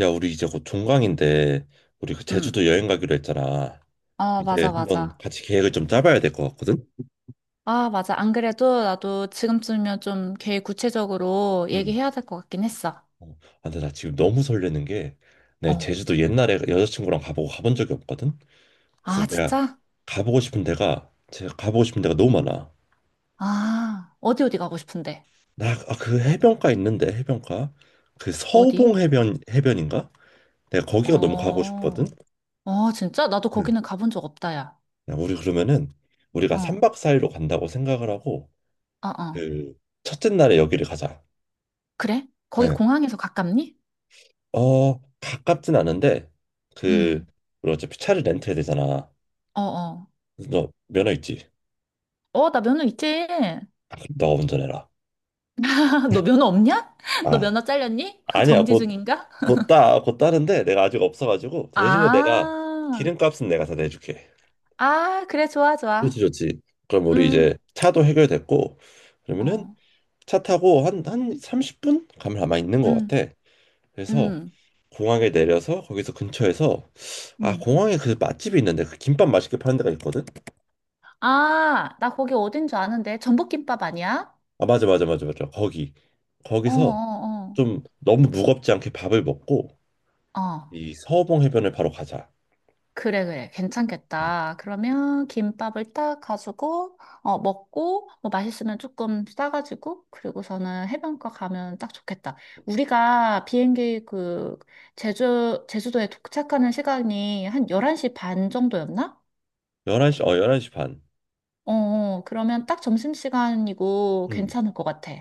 야, 우리 이제 곧 종강인데 우리 그 응, 제주도 여행 가기로 했잖아. 어, 이제 맞아, 한번 맞아. 같이 계획을 좀 짜봐야 될 것 같거든. 아, 맞아. 안 그래도 나도 지금쯤이면 좀 계획 구체적으로 음. 얘기해야 될 것 같긴 했어. 어, 근데 나 지금 너무 설레는 게 내 어. 제주도 옛날에 여자친구랑 가보고 가본 적이 없거든. 그래서 아, 내가 진짜? 가보고 싶은 데가 제가 가보고 싶은 데가 너무 많아. 아, 어디 어디 가고 싶은데? 나 그 해변가 그 서봉 어디? 해변인가? 내가 거기가 너무 가고 싶거든. 어, 어, 진짜? 나도 네. 거기는 가본 적 없다, 야. 야, 우리 그러면은 우리가 어, 3박 4일로 간다고 생각을 하고 어, 어. 그 첫째 날에 여기를 가자. 그래? 거기 네. 공항에서 가깝니? 어, 가깝진 않은데, 그, 응. 우리 어차피 차를 렌트해야 되잖아. 어, 어. 너 면허 있지? 어, 나 면허 있지? 아, 그럼 너가 운전해라. 너 면허 없냐? 너 아, 면허 잘렸니? 아니야. 정지 중인가? 곧 따는데 내가 아직 없어가지고, 대신에 내가 아, 기름값은 내가 다 내줄게. 아, 그래, 좋아, 좋아. 좋지, 좋지. 그럼 우리 이제 음, 차도 해결됐고, 그러면은 어, 차 타고 한 30분? 가면 아마 있는 것 음, 같아. 그래서 음, 공항에 내려서 거기서 근처에서, 아, 음. 공항에 그 맛집이 있는데, 그 김밥 맛있게 파는 데가 있거든? 아, 나 거기 어딘 줄 아는데. 전복김밥 아니야? 아 맞아 맞아 맞아 맞아 거기 어, 거기서 어, 좀 너무 무겁지 않게 밥을 먹고 어. 어, 이 서호봉 해변을 바로 가자. 그래, 그래. 응. 괜찮겠다. 그러면 김밥을 딱 가지고, 어, 먹고, 뭐 맛있으면 조금 싸가지고, 그리고서는 해변가 가면 딱 좋겠다. 우리가 비행기 그, 제주도에 도착하는 시간이 한 11시 반 정도였나? 11시 11시 반. 어, 어. 그러면 딱 점심시간이고 음. 괜찮을 것 같아.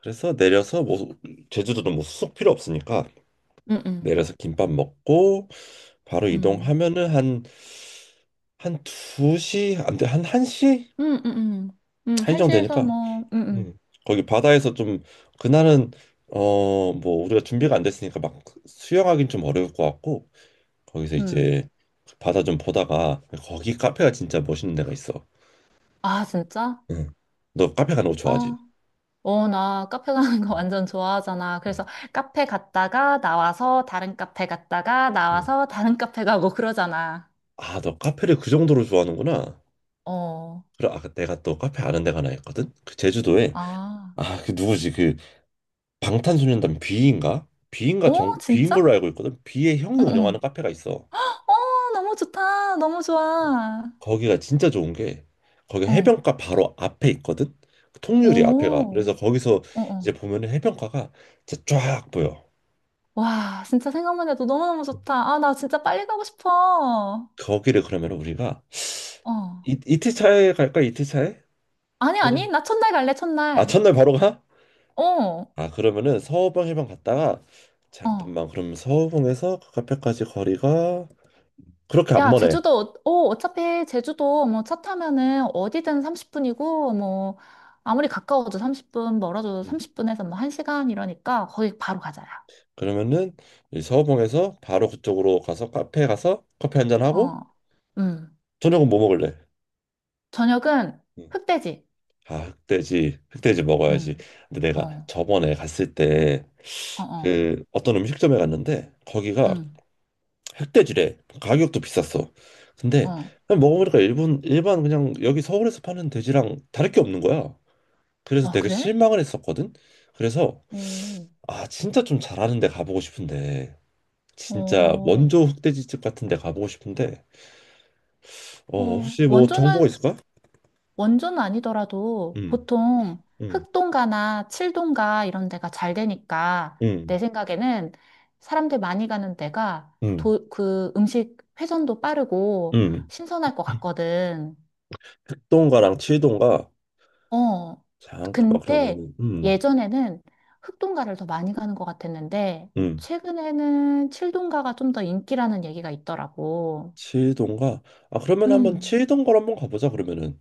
그래서 내려서 뭐 제주도는 뭐 숙 필요 없으니까 응, 응. 내려서 김밥 먹고 바로 음. 이동하면은 한 2시, 안돼, 한 1시, 응응응응 한시 정도 한시에서 뭐, 되니까. 응응 음. 거기 바다에서 좀 그날은 어 뭐 우리가 준비가 안 됐으니까 막 수영하긴 좀 어려울 것 같고 거기서 응 이제 바다 좀 보다가 거기 카페가 진짜 멋있는 데가 있어. 아, 진짜? 응, 너 카페 가는 거 좋아하지? 아, 어, 나 카페 가는 거 응, 완전 좋아하잖아. 응, 그래서 카페 갔다가 나와서 다른 카페 갔다가 응. 나와서 다른 카페 가고 그러잖아. 아, 너 카페를 그 정도로 좋아하는구나. 어, 그래, 아, 내가 또 카페 아는 데가 하나 있거든. 그 제주도에. 아, 아, 그 누구지? 그 방탄소년단 B인가? B인가 어, 정 B인 진짜? 걸로 알고 있거든. B의 어, 형이 운영하는 어. 카페가 있어. 어, 너무 좋다. 너무 좋아. 거기가 진짜 좋은 게 거기 어, 해변가 바로 앞에 있거든. 그 통유리 앞에가. 오, 그래서 거기서 어, 어. 이제 보면은 해변가가 진짜 쫙 보여. 와, 진짜 생각만 해도 너무너무 좋다. 아, 나 진짜 빨리 가고 싶어. 거기를 그러면 우리가 어. 이틀 차에 갈까? 이틀 차에? 아니, 아니요. 아니, 나 첫날 갈래, 아, 첫날. 첫날 바로 가? 어. 아, 그러면은 서호봉 해변 갔다가 어. 잠깐만. 그럼 서호봉에서 그 카페까지 거리가 그렇게 안 야, 머네. 제주도, 어, 어, 어차피 제주도 뭐 차 타면은 어디든 30분이고, 뭐, 아무리 가까워도 30분, 멀어도 음. 30분에서 뭐 1시간 이러니까 거기 바로 가자야. 그러면은 이 서호봉에서 바로 그쪽으로 가서 카페에 가서 커피 한잔 하고 어, 음. 저녁은 뭐 먹을래? 저녁은 음. 흑돼지. 아, 흑돼지. 흑돼지 먹어야지. 음, 근데 내가 어, 저번에 갔을 때 어, 어, 그 어떤 음식점에 갔는데 거기가 음, 흑돼지래. 가격도 비쌌어. 근데 어. 그냥 먹어보니까 일본 일반 그냥 여기 서울에서 파는 돼지랑 다를 게 없는 거야. 그래서 어, 되게 그래? 실망을 했었거든. 그래서 음, 아 진짜 좀 잘하는 데 가보고 싶은데 진짜 어, 원조 흑돼지집 같은 데 가보고 싶은데 어 어. 혹시 뭐 정보가 원조는 있을까? 원조는 아니더라도 음, 보통 음, 흑동가나 칠동가 이런 데가 잘 되니까 내 음, 생각에는 사람들 많이 가는 데가 음, 도, 그 음식 회전도 빠르고 음. 신선할 것 같거든. 흑동가랑 칠동가. 어. 잠깐만 근데 그러면은 예전에는 흑동가를 더 많이 가는 것 같았는데 음. 최근에는 칠동가가 좀 더 인기라는 얘기가 있더라고. 칠동가. 아 그러면 한번 음, 칠동가로 한번 가보자 그러면은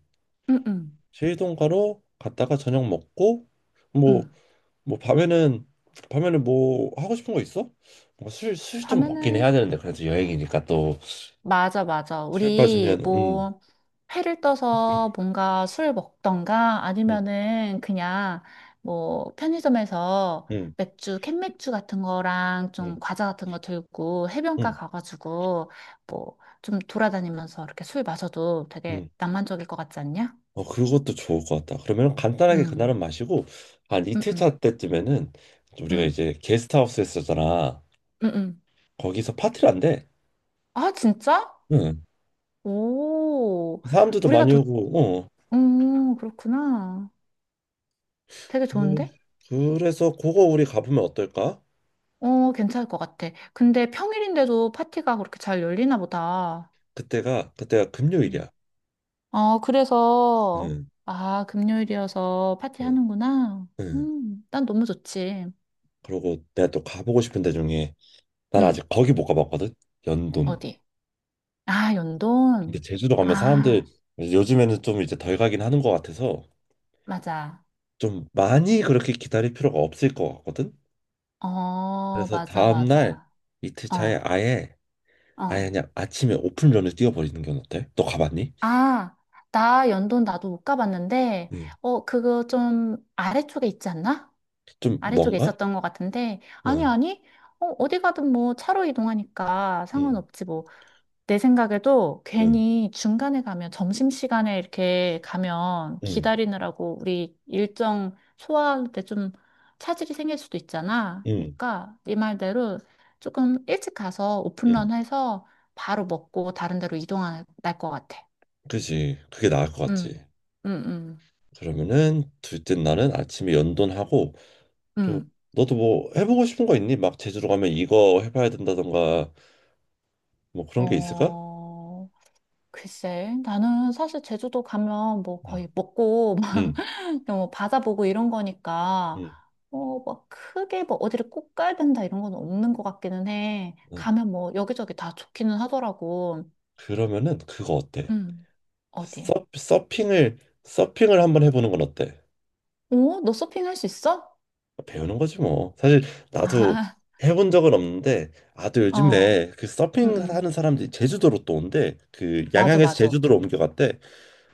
음, 음, 제이동가로 갔다가 저녁 먹고 뭐 음. 뭐 밤에는 뭐 하고 싶은 거 있어? 뭐술술좀 먹긴 밤에는 해야 되는데 그래도 여행이니까 또 맞아, 맞아. 술 우리 빠지면 뭐 회를 떠서 뭔가 술 먹던가 음, 아니면은 그냥 뭐 편의점에서 음, 맥주, 캔맥주 같은 거랑 음, 좀 과자 같은 거 들고 해변가 음, 가가지고 뭐 좀 돌아다니면서 이렇게 술 마셔도 되게 음. 낭만적일 것 같지 않냐? 어 그것도 좋을 것 같다. 그러면 간단하게 그날은 음, 마시고 한 음, 이틀 차 음, 때쯤에는 우리가 음, 이제 게스트하우스에 쓰잖아. 음, 음. 거기서 파티를 한대. 아, 진짜? 응. 오, 사람들도 우리가 많이 도, 오고. 어. 그렇구나. 되게 그, 좋은데? 그래서 그거 우리 가보면 어떨까? 어, 괜찮을 것 같아. 근데 평일인데도 파티가 그렇게 잘 열리나 보다. 그때가 음. 금요일이야. 어, 그래서, 응, 아, 금요일이어서 파티 응, 하는구나. 응. 난 너무 좋지. 그리고 내가 또 가보고 싶은 데 중에 난 음, 아직 거기 못 가봤거든? 연돈. 어디? 아, 근데 연돈. 제주도 가면 사람들 아, 요즘에는 좀 이제 덜 가긴 하는 것 같아서 맞아. 좀 많이 그렇게 기다릴 필요가 없을 것 같거든? 어, 그래서 맞아, 다음날 맞아. 이틀 차에 어, 아예 어. 그냥 아침에 오픈런을 뛰어버리는 건 어때? 너 가봤니? 아, 나 연돈 나도 못 가봤는데, 응. 어, 그거 좀 아래쪽에 있지 않나? 좀 아래쪽에 뭔가? 있었던 것 같은데, 아니, 응, 아니, 어, 어디 가든 뭐 차로 이동하니까 응, 상관없지 뭐. 내 생각에도 응, 괜히 중간에 가면, 점심시간에 이렇게 가면 응, 기다리느라고 우리 일정 소화하는데 좀 차질이 생길 수도 있잖아. 응, 그러니까 네 말대로 조금 일찍 가서 응. 오픈런 해서 바로 먹고 다른 데로 이동할 것 같아. 그지. 그게 나을 것 음, 같지. 음, 음, 그러면은 둘째 날은 아침에 연돈하고 저- 음. 너도 뭐 해보고 싶은 거 있니? 막 제주로 가면 이거 해봐야 된다던가 뭐 그런 게 있을까? 어, 글쎄, 나는 사실 제주도 가면 뭐 응, 거의 먹고, 막, 응, 그냥 뭐 바다 보고 이런 거니까, 응. 어, 막 크게 뭐 어디를 꼭 가야 된다 이런 건 없는 것 같기는 해. 어. 가면 뭐 여기저기 다 좋기는 하더라고. 그러면은 그거 어때? 응, 어디? 서핑을 한번 해보는 건 어때? 어? 너 서핑 할 수 있어? 배우는 거지 뭐. 사실 나도 해본 적은 없는데 아 또 아, 어, 요즘에 그 응, 서핑 응. 하는 사람들이 제주도로 또 온대. 그 맞아, 양양에서 맞아. 제주도로 옮겨갔대.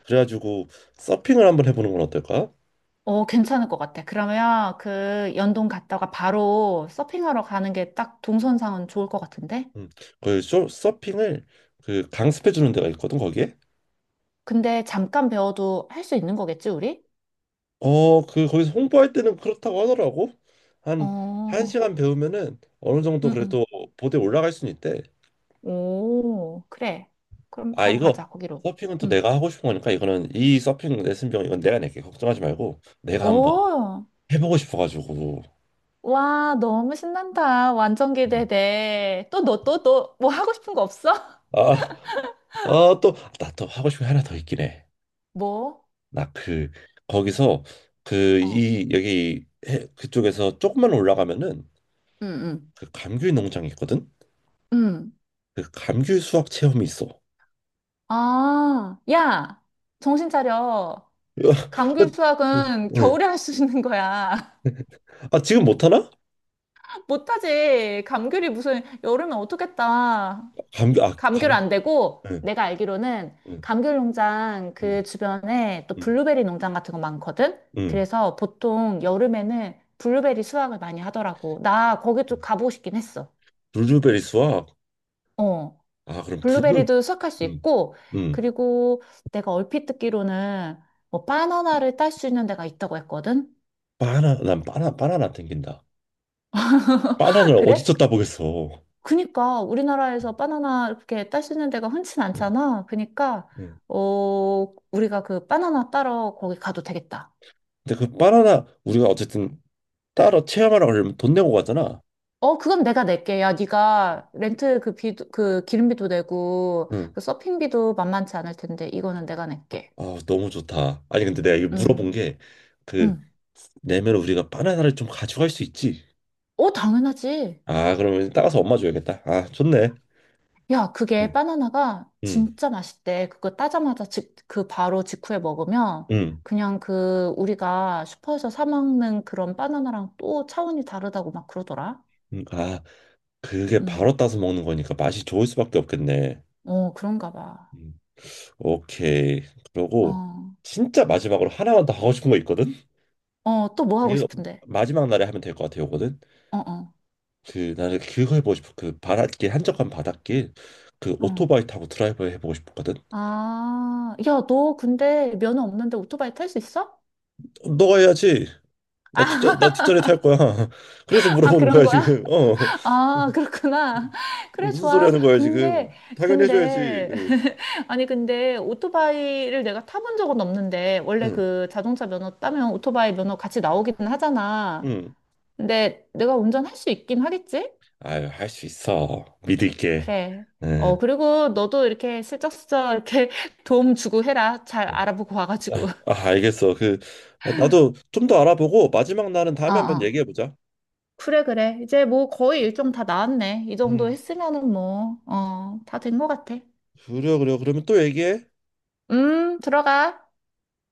그래가지고 서핑을 한번 해보는 건 어떨까? 어, 괜찮을 것 같아. 그러면 그 연동 갔다가 바로 서핑하러 가는 게 딱 동선상은 좋을 것 같은데? 응. 그 서핑을 그 강습해주는 데가 있거든 거기에. 근데 잠깐 배워도 할 수 있는 거겠지, 우리? 어, 그 거기서 홍보할 때는 그렇다고 하더라고. 한 어, 1시간 배우면은 어느 정도 응, 응. 그래도 보드에 올라갈 수는 있대. 오, 그래. 그럼 아, 바로 이거 가자, 거기로. 서핑은 또 응. 내가 하고 싶은 거니까 이거는 이 서핑 레슨 비용 이건 내가 낼게. 걱정하지 말고 내가 한번 오, 해보고 싶어가지고. 와, 너무 신난다. 완전 음. 기대돼. 또 너, 또, 또, 뭐 하고 싶은 거 없어? 아, 아, 또, 나 또 하고 싶은 게 하나 더 있긴 해. 뭐? 나 그, 거기서 그, 어, 이, 여기, 그쪽에서 조금만 올라가면은 응, 응. 그 감귤 농장이 있거든? 응. 그 감귤 수확 체험이 있어. 아, 야, 정신 차려. 감귤 수확은 응. 겨울에 할 수 있는 거야. 아, 지금 못하나? 못하지. 감귤이 무슨 여름에 어떻겠다. 감기, 아, 감귤 감기. 안 되고 응, 내가 알기로는 응, 감귤 농장 응, 그 주변에 또 응, 블루베리 농장 같은 거 많거든? 응. 그래서 보통 여름에는 블루베리 수확을 많이 하더라고. 나 거기 좀 응. 가보고 싶긴 했어. 블루베리 수학. 어. 아, 그럼 블루. 블루베리도 수확할 수 응, 있고, 응. 그리고 내가 얼핏 듣기로는 뭐 바나나를 딸 수 있는 데가 있다고 했거든? 난 바나나 땡긴다. 바나나를 그래? 어디서 따보겠어. 그니까 우리나라에서 바나나 이렇게 딸 수 있는 데가 흔치 응, 않잖아. 그니까 응. 어, 우리가 그 바나나 따러 거기 가도 되겠다. 근데 그 바나나, 우리가 어쨌든 따러 체험하라고 하려면 돈 내고 가잖아. 어, 그건 내가 낼게. 야, 네가 렌트 그 비도, 그 기름비도 내고, 응. 그 서핑비도 만만치 않을 텐데, 이거는 내가 낼게. 아, 너무 좋다. 아니, 근데 내가 이거 물어본 음, 게, 그, 음. 내면 우리가 바나나를 좀 가져갈 수 있지. 어, 당연하지. 아, 그러면 따가서 엄마 줘야겠다. 아, 좋네. 야, 그게 응, 바나나가 응, 진짜 맛있대. 그거 따자마자 직, 그 바로 직후에 먹으면, 응. 그냥 그 우리가 슈퍼에서 사 먹는 그런 바나나랑 또 차원이 다르다고 막 그러더라. 응. 아. 그게 바로 음, 따서 먹는 거니까 맛이 좋을 수밖에 없겠네. 어, 그런가 봐. 음. 오케이. 그러고 어, 진짜 마지막으로 하나만 더 하고 싶은 거 있거든. 어, 또 뭐 하고 이거 싶은데? 마지막 날에 하면 될 것 같아 요거는. 어, 어, 그 나는 그거 해보고 싶어. 그 바닷길 한적한 바닷길 그 어. 오토바이 타고 드라이브 해보고 싶거든. 아, 야, 너 근데 면허 없는데 오토바이 탈 수 있어? 어, 너가 해야지. 나 뒷자리 탈 거야. 그래서 아, 물어보는 그런 거야 거야? 지금. 어 아, 그렇구나. 그래, 무슨 소리 좋아. 하는 거야 지금. 근데, 당연히 해줘야지. 근데, 응. 아니, 근데 오토바이를 내가 타본 적은 없는데, 원래 응. 그 자동차 면허 따면 오토바이 면허 같이 나오기는 하잖아. 응. 근데 내가 운전할 수 있긴 하겠지? 아유 할 수 있어. 믿을게. 그래. 어, 응. 그리고 너도 이렇게 슬쩍슬쩍 이렇게 도움 주고 해라. 잘 알아보고 와가지고. 아, 알겠어. 그 아, 나도 좀 더 알아보고 마지막 날은 다음에 한번 어어. 얘기해 보자. 그래, 그래. 이제 뭐 거의 일정 다 나왔네. 이 정도 음. 했으면은 뭐, 어, 다 된 것 같아. 그래 그래. 그러면 또 얘기해. 들어가.